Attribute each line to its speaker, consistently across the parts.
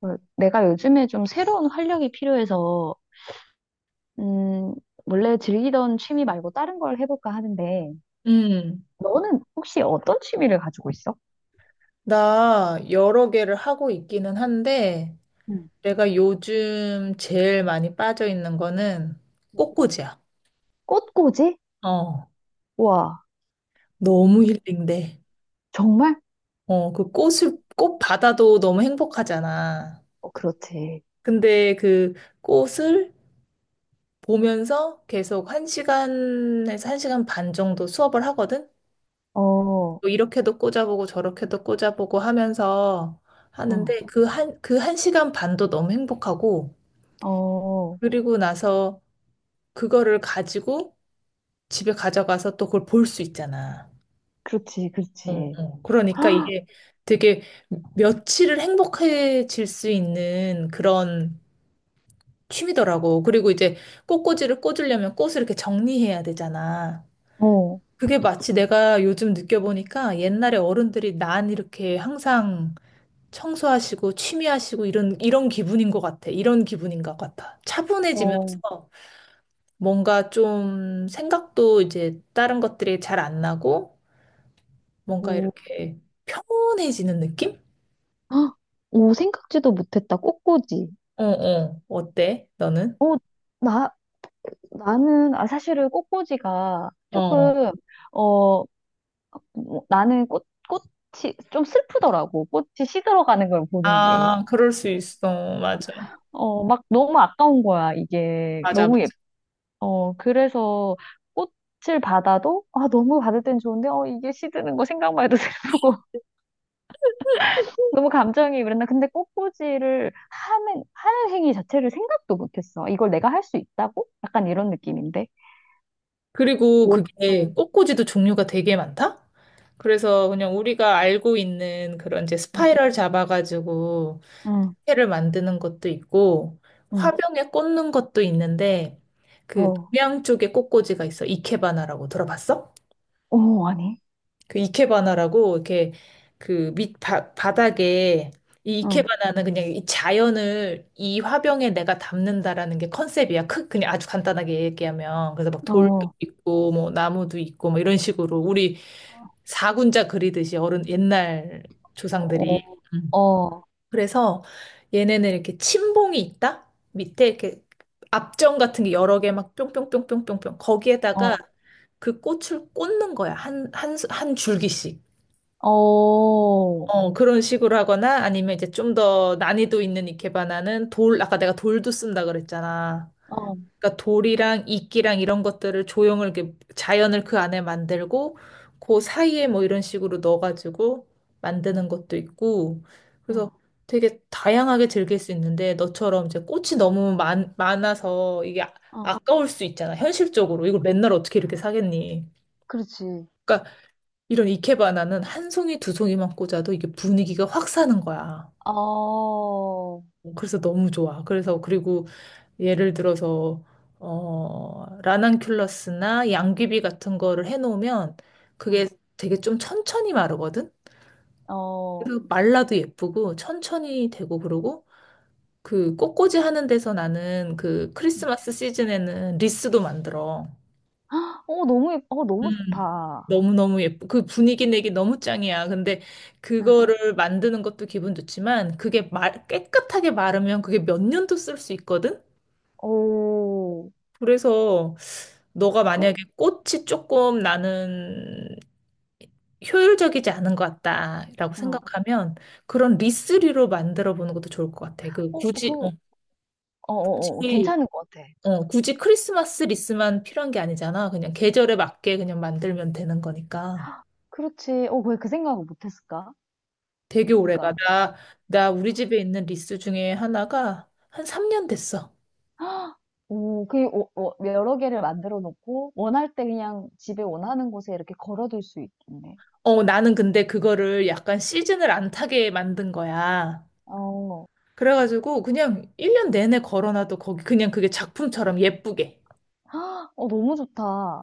Speaker 1: 어, 내가 요즘에 좀 새로운 활력이 필요해서, 음, 원래 즐기던 취미 말고 다른 걸 해볼까 하는데,
Speaker 2: 음,
Speaker 1: 너는 혹시 어떤 취미를 가지고 있어?
Speaker 2: 나 여러 개를 하고 있기는 한데,
Speaker 1: 응.
Speaker 2: 내가 요즘 제일 많이 빠져 있는 거는 꽃꽂이야.
Speaker 1: 꽃꽂이?
Speaker 2: 어,
Speaker 1: 와,
Speaker 2: 너무 힐링돼.
Speaker 1: 정말?
Speaker 2: 어, 그 꽃 받아도 너무 행복하잖아.
Speaker 1: 어, 그렇지.
Speaker 2: 근데 그 꽃을 보면서 계속 한시간에서한시간반 정도 수업을 하거든?
Speaker 1: 어, 어,
Speaker 2: 또 이렇게도 꽂아보고 저렇게도 꽂아보고 하면서 하는데 그 한시간 반도 너무 행복하고,
Speaker 1: 어,
Speaker 2: 그리고 나서 그거를 가지고 집에 가져가서 또 그걸 볼 수 있잖아.
Speaker 1: 그렇지,
Speaker 2: 어,
Speaker 1: 그렇지.
Speaker 2: 어. 그러니까
Speaker 1: 헉,
Speaker 2: 이게 되게 며칠을 행복해질 수 있는 그런 취미더라고. 그리고 이제 꽃꽂이를 꽂으려면 꽃을 이렇게 정리해야 되잖아.
Speaker 1: 어,
Speaker 2: 그게 마치 내가 요즘 느껴보니까 옛날에 어른들이 난 이렇게 항상 청소하시고 취미하시고 이런 기분인 것 같아. 이런 기분인 것 같아.
Speaker 1: 어,
Speaker 2: 차분해지면서 뭔가 좀 생각도 이제 다른 것들이 잘 안 나고 뭔가
Speaker 1: 음,
Speaker 2: 이렇게 평온해지는 느낌?
Speaker 1: 헉, 오, 생각지도 못했다. 꽃꽂이.
Speaker 2: 어, 어. 어때? 너는?
Speaker 1: 어, 나, 나는, 아, 사실은 꽃꽂이가
Speaker 2: 어.
Speaker 1: 조금, 어, 뭐, 나는 꽃이 좀 슬프더라고. 꽃이 시들어가는 걸 보는 게.
Speaker 2: 아, 그럴 수 있어. 맞아.
Speaker 1: 어, 막 너무 아까운 거야, 이게.
Speaker 2: 맞아,
Speaker 1: 너무 예,
Speaker 2: 맞아.
Speaker 1: 어, 그래서 꽃을 받아도, 아, 너무 받을 땐 좋은데, 어, 이게 시드는 거 생각만 해도 슬프고. 너무 감정이 그랬나. 근데 하는 행위 자체를 생각도 못했어. 이걸 내가 할 수 있다고? 약간 이런 느낌인데.
Speaker 2: 그리고
Speaker 1: 옷,
Speaker 2: 그게
Speaker 1: 응,
Speaker 2: 꽃꽂이도 종류가 되게 많다? 그래서 그냥 우리가 알고 있는 그런 이제
Speaker 1: 응,
Speaker 2: 스파이럴 잡아가지고
Speaker 1: 응,
Speaker 2: 회를 만드는 것도 있고
Speaker 1: 응.
Speaker 2: 화병에 꽂는 것도 있는데 그
Speaker 1: 어,
Speaker 2: 동양 쪽에 꽃꽂이가 있어. 이케바나라고 들어봤어?
Speaker 1: 아니.
Speaker 2: 그 이케바나라고 이렇게 그 밑 바닥에 이
Speaker 1: 응,
Speaker 2: 이케바나는 그냥 이 자연을 이 화병에 내가 담는다라는 게 컨셉이야. 크 그냥 아주 간단하게 얘기하면 그래서 막 돌도
Speaker 1: 어,
Speaker 2: 있고 뭐 나무도 있고 뭐 이런 식으로 우리 사군자 그리듯이 어른 옛날
Speaker 1: 어,
Speaker 2: 조상들이 음.
Speaker 1: 어,
Speaker 2: 그래서 얘네는 이렇게 침봉이 있다 밑에 이렇게 압정 같은 게 여러 개 막 뿅뿅뿅뿅뿅뿅 거기에다가
Speaker 1: 어.
Speaker 2: 그 꽃을 꽂는 거야 한 한 줄기씩.
Speaker 1: 어, 어,
Speaker 2: 어, 그런 식으로 하거나 아니면 이제 좀 더 난이도 있는 이케바나는 돌, 아까 내가 돌도 쓴다 그랬잖아. 그러니까 돌이랑 이끼랑 이런 것들을 조형을 이렇게 자연을 그 안에 만들고 그 사이에 뭐 이런 식으로 넣어가지고 만드는 것도 있고 그래서
Speaker 1: 어,
Speaker 2: 되게 다양하게 즐길 수 있는데 너처럼 이제 꽃이 너무 많아서 이게
Speaker 1: 어,
Speaker 2: 아까울 수 있잖아. 현실적으로 이걸 맨날 어떻게 이렇게 사겠니?
Speaker 1: 그렇지.
Speaker 2: 그러니까 이런 이케바나는 한 송이 두 송이만 꽂아도 이게 분위기가 확 사는 거야.
Speaker 1: 어, 어,
Speaker 2: 어, 그래서 너무 좋아. 그래서 그리고 예를 들어서 라난큘러스나 양귀비 같은 거를 해놓으면 그게 되게 좀 천천히 마르거든.
Speaker 1: 어,
Speaker 2: 그리고 말라도 예쁘고 천천히 되고 그러고 그 꽃꽂이 하는 데서 나는 그 크리스마스 시즌에는 리스도 만들어.
Speaker 1: 어, 너무, 예- 어, 너무
Speaker 2: 음.
Speaker 1: 좋다.
Speaker 2: 너무너무 예쁘. 그 분위기 내기 너무 짱이야. 근데
Speaker 1: 응,
Speaker 2: 그거를 만드는 것도 기분 좋지만 그게 말, 깨끗하게 마르면 그게 몇 년도 쓸 수 있거든?
Speaker 1: 오,
Speaker 2: 그래서 너가 만약에
Speaker 1: 어,
Speaker 2: 꽃이 조금 나는 효율적이지 않은 것 같다라고
Speaker 1: 응.
Speaker 2: 생각하면 그런 리스리로 만들어 보는 것도 좋을 것 같아.
Speaker 1: 어, 그, 어, 괜
Speaker 2: 굳이
Speaker 1: 찮은 것 같아.
Speaker 2: 굳이 크리스마스 리스만 필요한 게 아니잖아. 그냥 계절에 맞게 그냥 만들면 되는 거니까.
Speaker 1: 그렇지. 어, 왜 그 생각을 못 했을까?
Speaker 2: 되게 오래가.
Speaker 1: 그러니까.
Speaker 2: 나 우리 집에 있는 리스 중에 하나가 한 3년 됐어.
Speaker 1: 오, 어, 여러 개를 만들어 놓고, 원할 때 그냥 집에 원하는 곳에 이렇게 걸어둘 수 있겠네.
Speaker 2: 어, 나는 근데 그거를 약간 시즌을 안 타게 만든 거야.
Speaker 1: 어,
Speaker 2: 그래가지고 그냥 1년 내내 걸어놔도 거기 그냥 그게 작품처럼 예쁘게.
Speaker 1: 헉, 어, 너무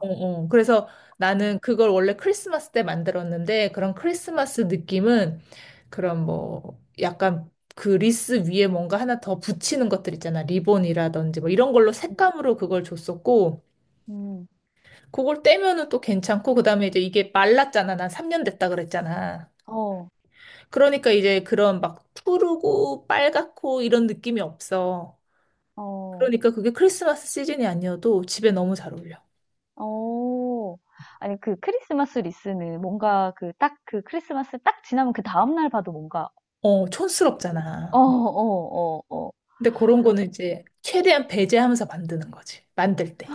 Speaker 2: 어, 어. 그래서
Speaker 1: 어.
Speaker 2: 나는 그걸 원래 크리스마스 때 만들었는데 그런 크리스마스 느낌은 그런 뭐 약간 그 리스 위에 뭔가 하나 더 붙이는 것들 있잖아. 리본이라든지 뭐 이런 걸로
Speaker 1: 음,
Speaker 2: 색감으로 그걸 줬었고
Speaker 1: 음,
Speaker 2: 그걸 떼면은 또 괜찮고 그다음에 이제 이게 말랐잖아. 난 3년 됐다 그랬잖아.
Speaker 1: 어,
Speaker 2: 그러니까 이제 그런 막 푸르고 빨갛고 이런 느낌이 없어.
Speaker 1: 어.
Speaker 2: 그러니까 그게 크리스마스 시즌이 아니어도 집에 너무 잘 어울려.
Speaker 1: 어. 아니, 그 크리스마스 리스는 뭔가 그 딱 그 크리스마스 딱 지나면 그다음 날 봐도 뭔가
Speaker 2: 어, 촌스럽잖아.
Speaker 1: 어.
Speaker 2: 근데 그런
Speaker 1: 그런
Speaker 2: 거는 이제 최대한 배제하면서 만드는 거지. 만들 때.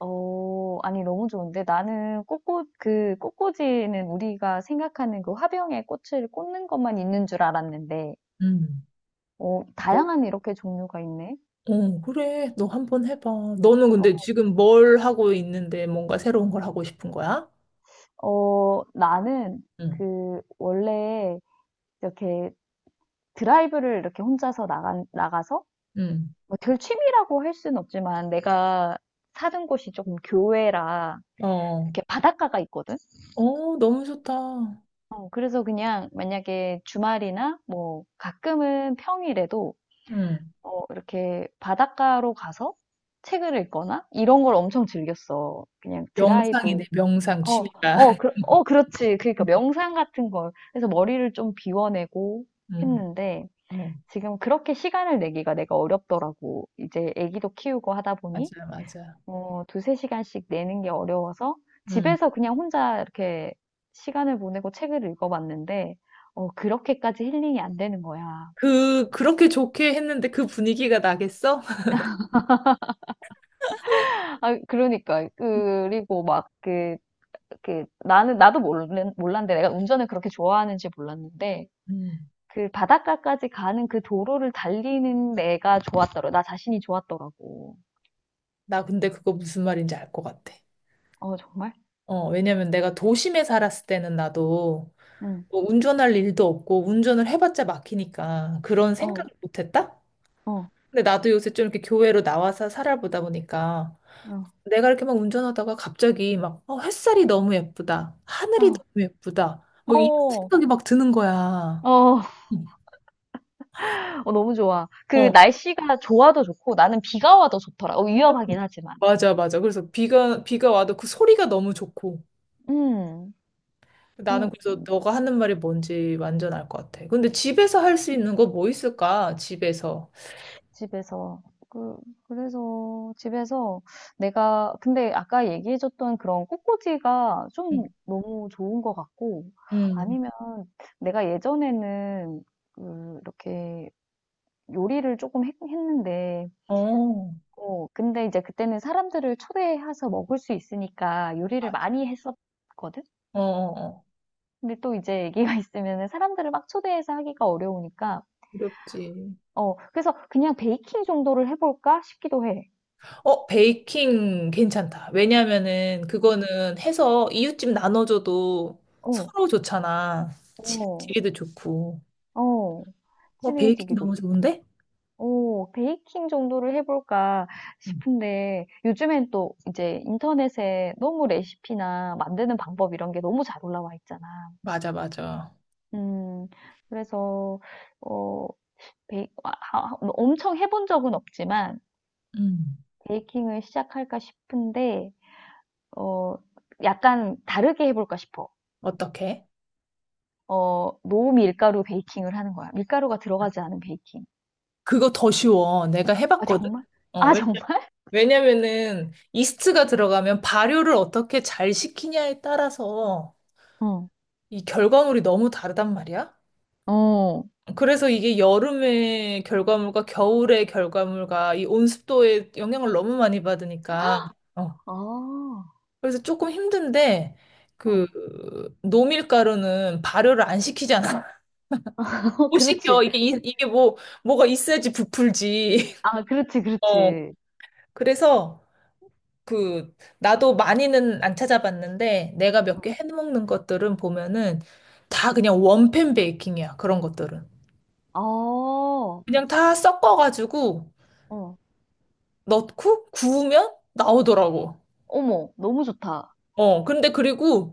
Speaker 1: 어 아니 너무 좋은데 나는 꽃꽂 그 꽃꽂이는 우리가 생각하는 그 화병에 꽃을 꽂는 것만 있는 줄 알았는데
Speaker 2: 음.
Speaker 1: 어
Speaker 2: 너,
Speaker 1: 다양한 이렇게 종류가 있네.
Speaker 2: 어, 그래. 너 한번 해봐. 너는 근데
Speaker 1: 어
Speaker 2: 지금 뭘 하고 있는데 뭔가 새로운 걸 하고 싶은 거야?
Speaker 1: 어 나는
Speaker 2: 응.
Speaker 1: 원래 이렇게 드라이브를 이렇게 혼자서 나간 나가서
Speaker 2: 응.
Speaker 1: 뭐 들취미라고 할 수는 없지만 내가 사는 곳이 조금 교외라
Speaker 2: 어.
Speaker 1: 이렇게 바닷가가 있거든.
Speaker 2: 어, 너무 좋다.
Speaker 1: 어, 그래서 그냥 만약에 주말이나 뭐 가끔은 평일에도
Speaker 2: 응.
Speaker 1: 어, 이렇게 바닷가로 가서 책을 읽거나 이런 걸 엄청 즐겼어. 그냥 드라이브.
Speaker 2: 명상이네, 명상
Speaker 1: 어,
Speaker 2: 취미가.
Speaker 1: 어, 그렇지. 그러니까 명상 같은 걸. 그래서 머리를 좀 비워내고
Speaker 2: 응.
Speaker 1: 했는데
Speaker 2: 어,
Speaker 1: 지금 그렇게 시간을 내기가 내가 어렵더라고. 이제 애기도 키우고 하다 보니.
Speaker 2: 맞아, 맞아.
Speaker 1: 어, 두세 시간씩 내는 게 어려워서
Speaker 2: 응.
Speaker 1: 집에서 그냥 혼자 이렇게 시간을 보내고 책을 읽어봤는데, 어, 그렇게까지 힐링이 안 되는 거야.
Speaker 2: 그렇게 좋게 했는데 그 분위기가 나겠어?
Speaker 1: 아, 그러니까. 그리고 막 나는, 몰랐는데 내가 운전을 그렇게 좋아하는지 몰랐는데,
Speaker 2: 음.
Speaker 1: 그 바닷가까지 가는 그 도로를 달리는 내가 좋았더라. 고 나 자신이 좋았더라고.
Speaker 2: 나 근데 그거 무슨 말인지 알 것 같아.
Speaker 1: 어, 정말?
Speaker 2: 어, 왜냐면 내가 도심에 살았을 때는 나도
Speaker 1: 응.
Speaker 2: 뭐 운전할 일도 없고 운전을 해봤자 막히니까 그런
Speaker 1: 어,
Speaker 2: 생각을 못 했다?
Speaker 1: 어,
Speaker 2: 근데 나도 요새 좀 이렇게 교외로 나와서 살아보다 보니까
Speaker 1: 어,
Speaker 2: 내가 이렇게 막 운전하다가 갑자기 막 어, 햇살이 너무 예쁘다. 하늘이
Speaker 1: 어,
Speaker 2: 너무 예쁘다. 뭐 이런
Speaker 1: 어,
Speaker 2: 생각이 막 드는 거야.
Speaker 1: 어.
Speaker 2: 응.
Speaker 1: 어, 너무 좋아. 그
Speaker 2: 어,
Speaker 1: 날씨가 좋아도 좋고 나는 비가 와도 좋더라. 어, 위험하긴 하지만.
Speaker 2: 맞아, 맞아. 그래서 비가 와도 그 소리가 너무 좋고.
Speaker 1: 음, 음,
Speaker 2: 나는 그래서 너가 하는 말이 뭔지 완전 알 것 같아. 근데 집에서 할 수 있는 거 뭐 있을까? 집에서.
Speaker 1: 집에서. 그, 그래서 집에서 내가, 근데 아까 얘기해줬던 그런 꽃꽂이가 좀
Speaker 2: 음,
Speaker 1: 너무 좋은 것 같고,
Speaker 2: 음.
Speaker 1: 아니면 내가 예전에는 그, 이렇게 요리를 조금 했, 는데
Speaker 2: 어,
Speaker 1: 어, 근데 이제 그때는 사람들을 초대해서 먹을 수 있으니까 요리를
Speaker 2: 맞아.
Speaker 1: 많이 했었거든?
Speaker 2: 어, 어, 어.
Speaker 1: 근데 또 이제 애기가 있으면 사람들을 막 초대해서 하기가 어려우니까,
Speaker 2: 어렵지.
Speaker 1: 어, 그래서 그냥 베이킹 정도를 해볼까 싶기도 해.
Speaker 2: 어, 베이킹 괜찮다. 왜냐면은
Speaker 1: 어.
Speaker 2: 그거는 해서 이웃집 나눠줘도
Speaker 1: 어,
Speaker 2: 서로 좋잖아.
Speaker 1: 어,
Speaker 2: 집에도 좋고.
Speaker 1: 어,
Speaker 2: 어, 베이킹
Speaker 1: 친해지기도
Speaker 2: 너무 좋은데?
Speaker 1: 좋고, 어, 베이킹 정도를 해볼까
Speaker 2: 음.
Speaker 1: 싶은데, 요즘엔 또 이제 인터넷에 너무 레시피나 만드는 방법 이런 게 너무 잘 올라와 있잖아.
Speaker 2: 맞아, 맞아.
Speaker 1: 음, 그래서, 어, 베이, 아, 아, 엄청 해본 적은 없지만,
Speaker 2: 음.
Speaker 1: 베이킹을 시작할까 싶은데, 어, 약간 다르게 해볼까 싶어.
Speaker 2: 어떻게?
Speaker 1: 어, 노밀가루 베이킹을 하는 거야. 밀가루가 들어가지 않은 베이킹.
Speaker 2: 그거 더 쉬워. 내가
Speaker 1: 아,
Speaker 2: 해봤거든?
Speaker 1: 정말?
Speaker 2: 어,
Speaker 1: 아,
Speaker 2: 왜?
Speaker 1: 정말?
Speaker 2: 왜냐면은 이스트가 들어가면 발효를 어떻게 잘 시키냐에 따라서
Speaker 1: 어.
Speaker 2: 이 결과물이 너무 다르단 말이야.
Speaker 1: 어.
Speaker 2: 그래서 이게 여름의 결과물과 겨울의 결과물과 이 온습도에 영향을 너무 많이 받으니까 어.
Speaker 1: 아
Speaker 2: 그래서 조금 힘든데 그
Speaker 1: 어.
Speaker 2: 노밀가루는 발효를 안 시키잖아.
Speaker 1: 어,
Speaker 2: 못
Speaker 1: 그렇지.
Speaker 2: 시켜. 이게 이,
Speaker 1: 그-
Speaker 2: 이게 뭐가 있어야지 부풀지.
Speaker 1: 아, 그렇지,
Speaker 2: 어.
Speaker 1: 그렇지.
Speaker 2: 그래서 그 나도 많이는 안 찾아봤는데 내가 몇
Speaker 1: 어,
Speaker 2: 개 해먹는 것들은 보면은
Speaker 1: 응.
Speaker 2: 다 그냥 원팬 베이킹이야. 그런 것들은.
Speaker 1: 어.
Speaker 2: 그냥 다 섞어가지고
Speaker 1: 어.
Speaker 2: 넣고 구우면 나오더라고.
Speaker 1: 어머, 너무 좋다.
Speaker 2: 어, 근데 그리고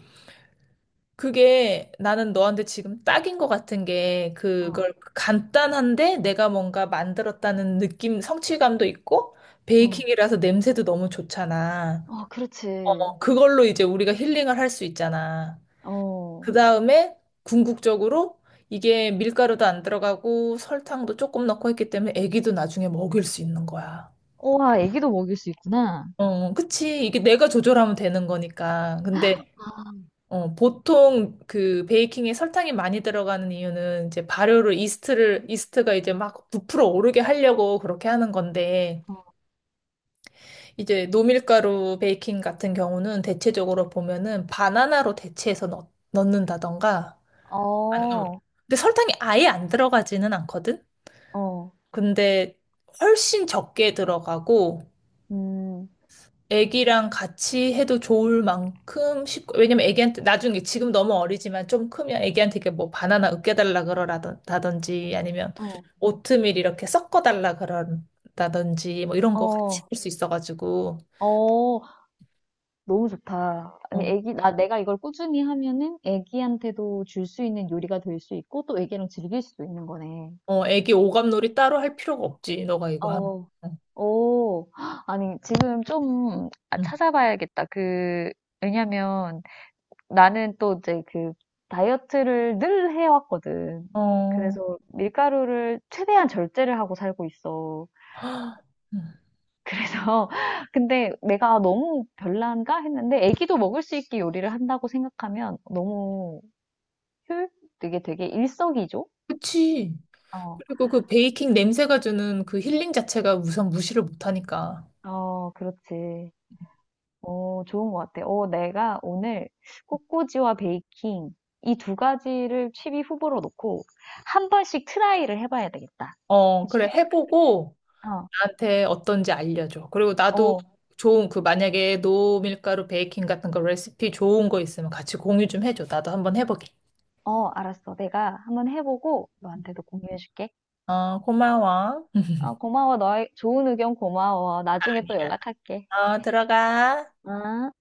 Speaker 2: 그게 나는 너한테 지금 딱인 것 같은 게
Speaker 1: 어.
Speaker 2: 그걸 간단한데 내가 뭔가 만들었다는 느낌, 성취감도 있고
Speaker 1: 어.
Speaker 2: 베이킹이라서 냄새도 너무 좋잖아.
Speaker 1: 어, 그렇지.
Speaker 2: 어, 그걸로 이제 우리가 힐링을 할 수 있잖아.
Speaker 1: 어,
Speaker 2: 그 다음에 궁극적으로 이게 밀가루도 안 들어가고 설탕도 조금 넣고 했기 때문에 애기도 나중에 먹일 수 있는 거야.
Speaker 1: 우와, 애기도 먹일 수 있구나.
Speaker 2: 어, 그치. 이게 내가 조절하면 되는 거니까. 근데
Speaker 1: 아,
Speaker 2: 어, 보통 그 베이킹에 설탕이 많이 들어가는 이유는 이제 발효를 이스트를 이스트가 이제 막 부풀어 오르게 하려고 그렇게 하는 건데 이제 노밀가루 베이킹 같은 경우는 대체적으로 보면은 바나나로 대체해서 넣는다던가
Speaker 1: 어,
Speaker 2: 아니, 어.
Speaker 1: 어,
Speaker 2: 근데 설탕이 아예 안 들어가지는 않거든?
Speaker 1: 어,
Speaker 2: 근데 훨씬 적게 들어가고,
Speaker 1: 음,
Speaker 2: 애기랑 같이 해도 좋을 만큼 쉽고, 왜냐면 애기한테, 나중에 지금 너무 어리지만 좀 크면 애기한테 이렇게 뭐 바나나 으깨달라 그러라든지, 아니면
Speaker 1: 어.
Speaker 2: 오트밀 이렇게 섞어달라 그런다든지, 뭐 이런 거 같이
Speaker 1: 어,
Speaker 2: 할 수 있어가지고,
Speaker 1: 어. 너무 좋다. 아니,
Speaker 2: 어,
Speaker 1: 애기, 나, 내가 이걸 꾸준히 하면은 애기한테도 줄 수 있는 요리가 될 수 있고 또 애기랑 즐길 수도 있는 거네.
Speaker 2: 어, 애기 오감놀이 따로 할 필요가 없지, 너가 이거 하면.
Speaker 1: 어,
Speaker 2: 응.
Speaker 1: 오, 아니, 지금 좀 아,
Speaker 2: 응.
Speaker 1: 찾아봐야겠다. 그, 왜냐면 나는 또 이제 그 다이어트를 늘 해왔거든.
Speaker 2: 어,
Speaker 1: 그래서 밀가루를 최대한 절제를 하고 살고 있어.
Speaker 2: 헉, 응.
Speaker 1: 그래서, 근데 내가 너무 별난가 했는데 애기도 먹을 수 있게 요리를 한다고 생각하면 너무 효율 게 되게 일석이조?
Speaker 2: 그치.
Speaker 1: 어,
Speaker 2: 그리고 그 베이킹 냄새가 주는 그 힐링 자체가 우선 무시를 못하니까.
Speaker 1: 어, 그렇지. 어, 좋은 것 같아. 어, 내가 오늘 꽃꽂이와 베이킹 이 두 가지를 취0위 후보로 놓고 한 번씩 트라이를 해봐야 되겠다.
Speaker 2: 어, 그래,
Speaker 1: 시도를.
Speaker 2: 해보고
Speaker 1: 어,
Speaker 2: 나한테 어떤지 알려줘. 그리고 나도
Speaker 1: 어,
Speaker 2: 좋은 그 만약에 노밀가루 베이킹 같은 거 레시피 좋은 거 있으면 같이 공유 좀 해줘. 나도 한번 해보게.
Speaker 1: 어, 알았어. 내가 한번 해보고 너한테도 공유해줄게.
Speaker 2: 어, 고마워.
Speaker 1: 어, 고마워. 너의 좋은 의견 고마워. 나중에 또 연락할게.
Speaker 2: 어, 들어가.
Speaker 1: 아.